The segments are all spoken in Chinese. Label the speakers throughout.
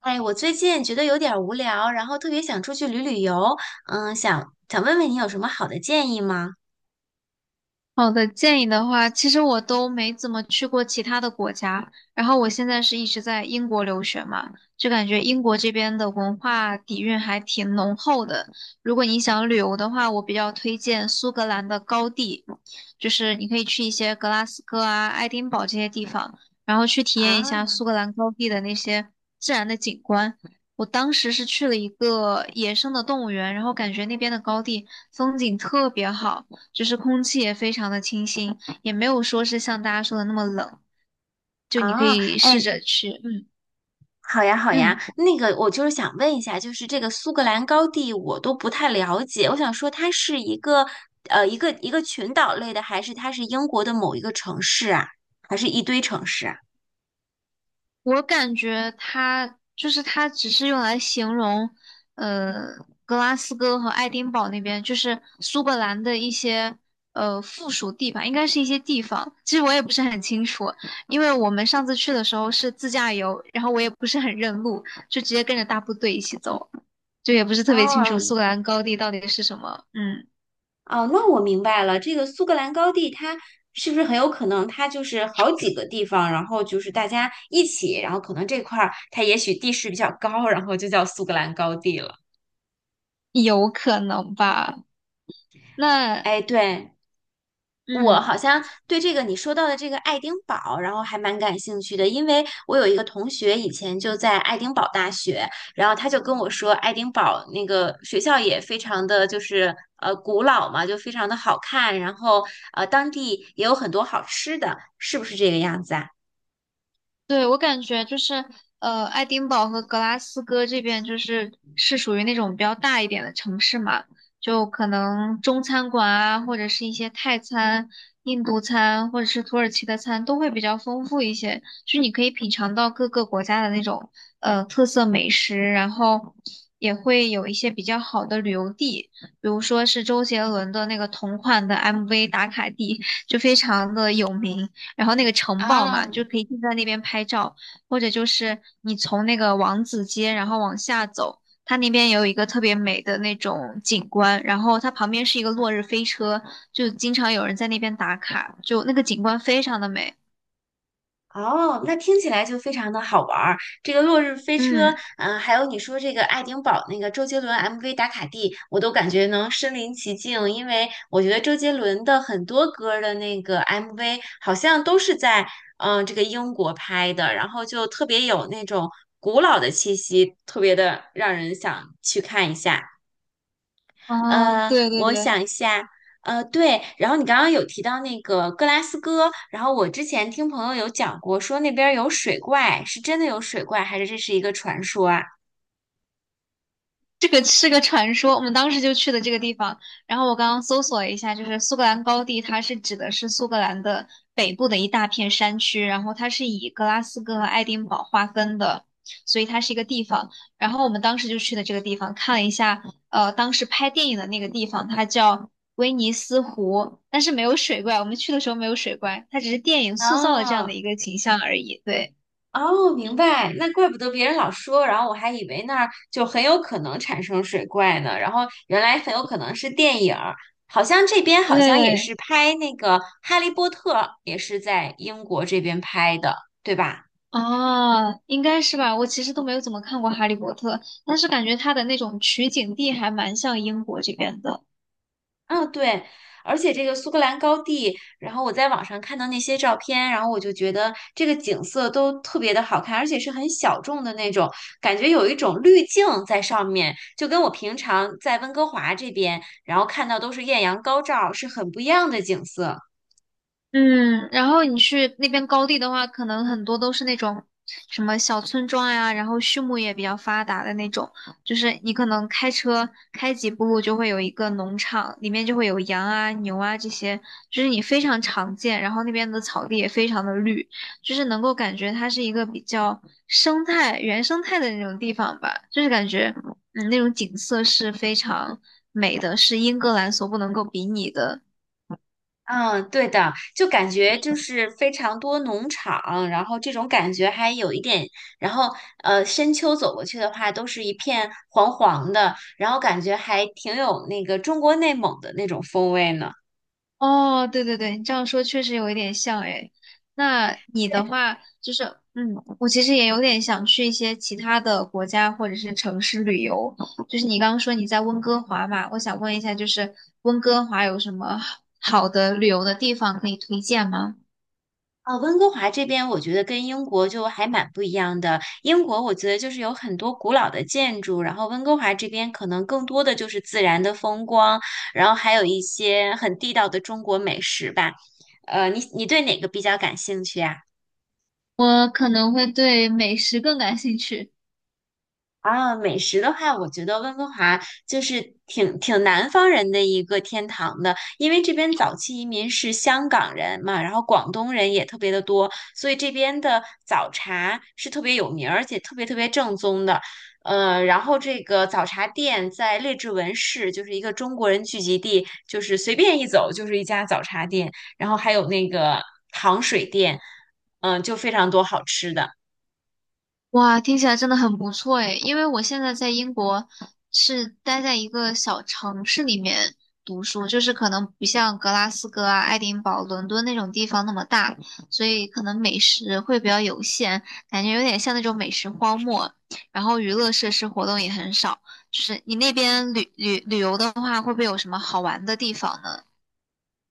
Speaker 1: 哎，我最近觉得有点儿无聊，然后特别想出去旅游，想想问问你有什么好的建议吗？
Speaker 2: 好的，建议的话，其实我都没怎么去过其他的国家，然后我现在是一直在英国留学嘛，就感觉英国这边的文化底蕴还挺浓厚的。如果你想旅游的话，我比较推荐苏格兰的高地，就是你可以去一些格拉斯哥啊、爱丁堡这些地方，然后去体验一下
Speaker 1: 啊
Speaker 2: 苏格兰高地的那些自然的景观。我当时是去了一个野生的动物园，然后感觉那边的高地风景特别好。就是空气也非常的清新，也没有说是像大家说的那么冷，就你可
Speaker 1: 啊，
Speaker 2: 以试
Speaker 1: 哎，
Speaker 2: 着去，嗯
Speaker 1: 好呀好呀，
Speaker 2: 嗯，
Speaker 1: 那个我就是想问一下，就是这个苏格兰高地我都不太了解，我想说它是一个群岛类的，还是它是英国的某一个城市啊，还是一堆城市啊？
Speaker 2: 我感觉它就是它只是用来形容，呃，格拉斯哥和爱丁堡那边，就是苏格兰的一些附属地吧，应该是一些地方，其实我也不是很清楚，因为我们上次去的时候是自驾游，然后我也不是很认路，就直接跟着大部队一起走，就也不是特别清楚
Speaker 1: 哦，
Speaker 2: 苏格兰高地到底是什么，嗯。
Speaker 1: 哦，那我明白了，这个苏格兰高地它是不是很有可能它就是好几个地方，然后就是大家一起，然后可能这块儿它也许地势比较高，然后就叫苏格兰高地了。
Speaker 2: 有可能吧？那
Speaker 1: 哎，对，我
Speaker 2: 嗯，
Speaker 1: 好像对这个你说到的这个爱丁堡，然后还蛮感兴趣的，因为我有一个同学以前就在爱丁堡大学，然后他就跟我说，爱丁堡那个学校也非常的就是古老嘛，就非常的好看，然后当地也有很多好吃的，是不是这个样子啊？
Speaker 2: 对，我感觉就是，爱丁堡和格拉斯哥这边就是是属于那种比较大一点的城市嘛，就可能中餐馆啊，或者是一些泰餐、印度餐，或者是土耳其的餐都会比较丰富一些，就是你可以品尝到各个国家的那种特色美食，然后也会有一些比较好的旅游地，比如说是周杰伦的那个同款的 MV 打卡地，就非常的有名。然后那个城堡嘛，就
Speaker 1: 啊。
Speaker 2: 可以就在那边拍照，或者就是你从那个王子街然后往下走，它那边有一个特别美的那种景观，然后它旁边是一个落日飞车，就经常有人在那边打卡，就那个景观非常的美。
Speaker 1: 哦，那听起来就非常的好玩儿。这个《落日飞车》，
Speaker 2: 嗯，
Speaker 1: 还有你说这个爱丁堡那个周杰伦 MV 打卡地，我都感觉能身临其境，因为我觉得周杰伦的很多歌儿的那个 MV 好像都是在这个英国拍的，然后就特别有那种古老的气息，特别的让人想去看一下。
Speaker 2: 啊，对对
Speaker 1: 我
Speaker 2: 对，
Speaker 1: 想一下，对，然后你刚刚有提到那个格拉斯哥，然后我之前听朋友有讲过，说那边儿有水怪，是真的有水怪，还是这是一个传说啊？
Speaker 2: 这个是个传说，我们当时就去的这个地方。然后我刚刚搜索了一下，就是苏格兰高地，它是指的是苏格兰的北部的一大片山区，然后它是以格拉斯哥和爱丁堡划分的，所以它是一个地方。然后我们当时就去的这个地方，看了一下，当时拍电影的那个地方，它叫威尼斯湖，但是没有水怪，我们去的时候没有水怪，它只是电影塑造了这样的
Speaker 1: 哦
Speaker 2: 一个形象而已。对，
Speaker 1: 哦，明白，那怪不得别人老说，然后我还以为那儿就很有可能产生水怪呢，然后原来很有可能是电影儿，好像这边好像也是
Speaker 2: 对，
Speaker 1: 拍那个《哈利波特》，也是在英国这边拍的，对吧？
Speaker 2: 哦，应该是吧。我其实都没有怎么看过《哈利波特》，但是感觉它的那种取景地还蛮像英国这边的。
Speaker 1: 嗯，对，而且这个苏格兰高地，然后我在网上看到那些照片，然后我就觉得这个景色都特别的好看，而且是很小众的那种，感觉有一种滤镜在上面，就跟我平常在温哥华这边，然后看到都是艳阳高照，是很不一样的景色。
Speaker 2: 嗯，然后你去那边高地的话，可能很多都是那种什么小村庄呀，然后畜牧业比较发达的那种，就是你可能开车开几步路就会有一个农场，里面就会有羊啊、牛啊这些，就是你非常常见。然后那边的草地也非常的绿，就是能够感觉它是一个比较生态、原生态的那种地方吧，就是感觉嗯那种景色是非常美的，是英格兰所不能够比拟的。
Speaker 1: 嗯，对的，就感觉就是非常多农场，然后这种感觉还有一点，然后深秋走过去的话，都是一片黄黄的，然后感觉还挺有那个中国内蒙的那种风味呢。
Speaker 2: 哦，对对对，你这样说确实有一点像诶。那你的话就是，嗯，我其实也有点想去一些其他的国家或者是城市旅游。就是你刚刚说你在温哥华嘛，我想问一下，就是温哥华有什么好的旅游的地方可以推荐吗？
Speaker 1: 温哥华这边我觉得跟英国就还蛮不一样的。英国我觉得就是有很多古老的建筑，然后温哥华这边可能更多的就是自然的风光，然后还有一些很地道的中国美食吧。你对哪个比较感兴趣啊？
Speaker 2: 我可能会对美食更感兴趣。
Speaker 1: 啊，美食的话，我觉得温哥华就是挺南方人的一个天堂的，因为这边早期移民是香港人嘛，然后广东人也特别的多，所以这边的早茶是特别有名儿，而且特别特别正宗的。然后这个早茶店在列治文市，就是一个中国人聚集地，就是随便一走就是一家早茶店，然后还有那个糖水店，就非常多好吃的。
Speaker 2: 哇，听起来真的很不错诶，因为我现在在英国是待在一个小城市里面读书，就是可能不像格拉斯哥啊、爱丁堡、伦敦那种地方那么大，所以可能美食会比较有限，感觉有点像那种美食荒漠。然后娱乐设施活动也很少，就是你那边旅游的话，会不会有什么好玩的地方呢？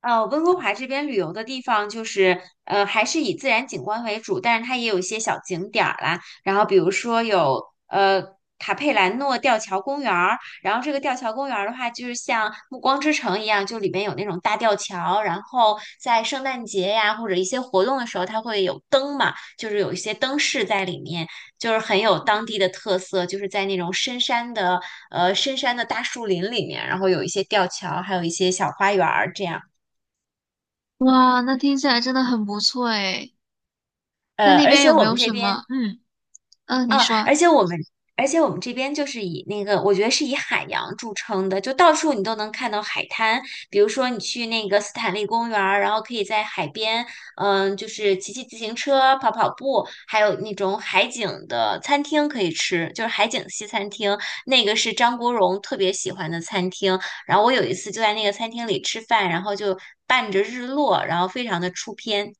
Speaker 1: 温哥华这边旅游的地方就是，还是以自然景观为主，但是它也有一些小景点儿啦。然后比如说有呃卡佩兰诺吊桥公园儿，然后这个吊桥公园儿的话，就是像暮光之城一样，就里面有那种大吊桥，然后在圣诞节呀或者一些活动的时候，它会有灯嘛，就是有一些灯饰在里面，就是很有当地的特色，就是在那种深山的大树林里面，然后有一些吊桥，还有一些小花园儿这样。
Speaker 2: 哇，那听起来真的很不错诶，那那
Speaker 1: 而
Speaker 2: 边
Speaker 1: 且
Speaker 2: 有
Speaker 1: 我
Speaker 2: 没
Speaker 1: 们
Speaker 2: 有
Speaker 1: 这
Speaker 2: 什
Speaker 1: 边
Speaker 2: 么？嗯嗯，你
Speaker 1: 啊，
Speaker 2: 说。
Speaker 1: 而且我们，而且我们这边就是以那个，我觉得是以海洋著称的，就到处你都能看到海滩。比如说你去那个斯坦利公园儿，然后可以在海边，就是骑骑自行车、跑跑步，还有那种海景的餐厅可以吃，就是海景西餐厅，那个是张国荣特别喜欢的餐厅。然后我有一次就在那个餐厅里吃饭，然后就伴着日落，然后非常的出片。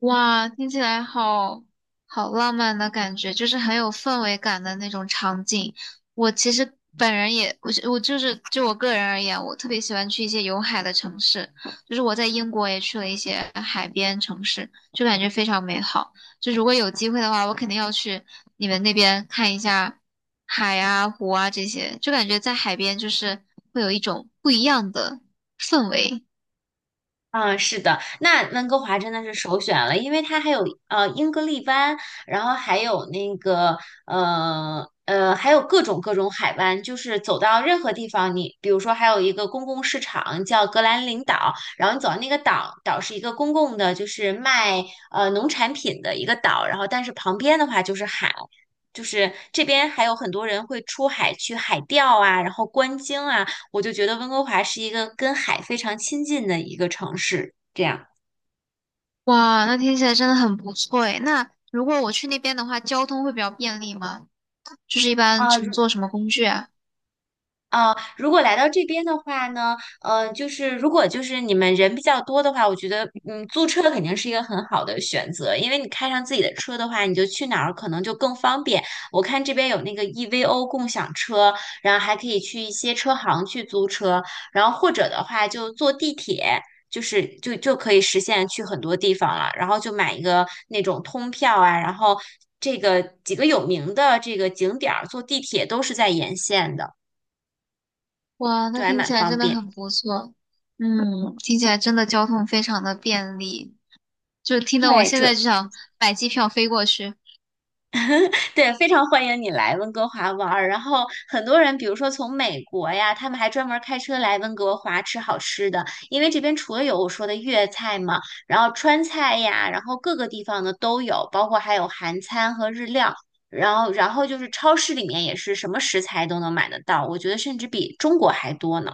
Speaker 2: 哇，听起来好好浪漫的感觉，就是很有氛围感的那种场景。我其实本人也，我就是就我个人而言，我特别喜欢去一些有海的城市，就是我在英国也去了一些海边城市，就感觉非常美好。就如果有机会的话，我肯定要去你们那边看一下海啊、湖啊这些，就感觉在海边就是会有一种不一样的氛围。
Speaker 1: 嗯，是的，那温哥华真的是首选了，因为它还有英格利湾，然后还有那个还有各种海湾，就是走到任何地方你，比如说还有一个公共市场叫格兰林岛，然后你走到那个岛，岛是一个公共的，就是卖农产品的一个岛，然后但是旁边的话就是海。就是这边还有很多人会出海去海钓啊，然后观鲸啊，我就觉得温哥华是一个跟海非常亲近的一个城市，这样。
Speaker 2: 哇，那听起来真的很不错诶。那如果我去那边的话，交通会比较便利吗？就是一般
Speaker 1: 啊，如
Speaker 2: 乘坐什么工具啊？
Speaker 1: 啊，如果来到这边的话呢，就是如果你们人比较多的话，我觉得，租车肯定是一个很好的选择，因为你开上自己的车的话，你就去哪儿可能就更方便。我看这边有那个 EVO 共享车，然后还可以去一些车行去租车，然后或者的话就坐地铁。就可以实现去很多地方了，然后就买一个那种通票啊，然后这个几个有名的这个景点儿坐地铁都是在沿线的。
Speaker 2: 哇，
Speaker 1: 就
Speaker 2: 那
Speaker 1: 还
Speaker 2: 听
Speaker 1: 蛮
Speaker 2: 起来
Speaker 1: 方
Speaker 2: 真的
Speaker 1: 便。
Speaker 2: 很不错。嗯，听起来真的交通非常的便利，就听得我
Speaker 1: 对，
Speaker 2: 现
Speaker 1: 这
Speaker 2: 在就想买机票飞过去。
Speaker 1: 对，非常欢迎你来温哥华玩儿。然后很多人，比如说从美国呀，他们还专门开车来温哥华吃好吃的，因为这边除了有我说的粤菜嘛，然后川菜呀，然后各个地方的都有，包括还有韩餐和日料。然后就是超市里面也是什么食材都能买得到，我觉得甚至比中国还多呢。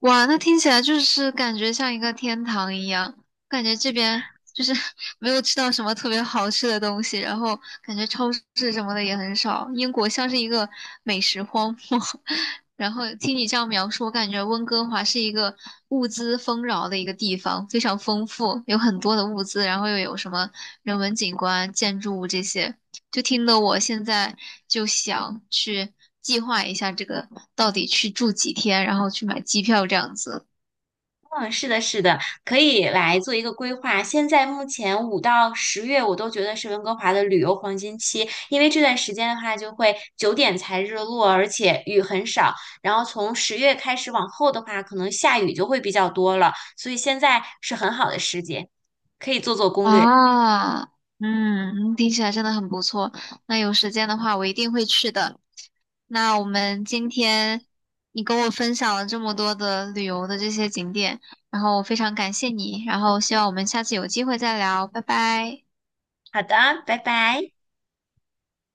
Speaker 2: 哇，那听起来就是感觉像一个天堂一样，感觉这边就是 没有吃到什么特别好吃的东西，然后感觉超市什么的也很少，英国像是一个美食荒漠。然后听你这样描述，我感觉温哥华是一个物资丰饶的一个地方，非常丰富，有很多的物资，然后又有什么人文景观、建筑物这些，就听得我现在就想去计划一下这个到底去住几天，然后去买机票这样子。
Speaker 1: 嗯，是的，是的，可以来做一个规划。现在目前5到10月，我都觉得是温哥华的旅游黄金期，因为这段时间的话，就会9点才日落，而且雨很少。然后从十月开始往后的话，可能下雨就会比较多了，所以现在是很好的时节，可以做做攻略。
Speaker 2: 啊，嗯，听起来真的很不错。那有时间的话，我一定会去的。那我们今天你跟我分享了这么多的旅游的这些景点，然后我非常感谢你，然后希望我们下次有机会再聊，拜拜。
Speaker 1: 好的，拜拜。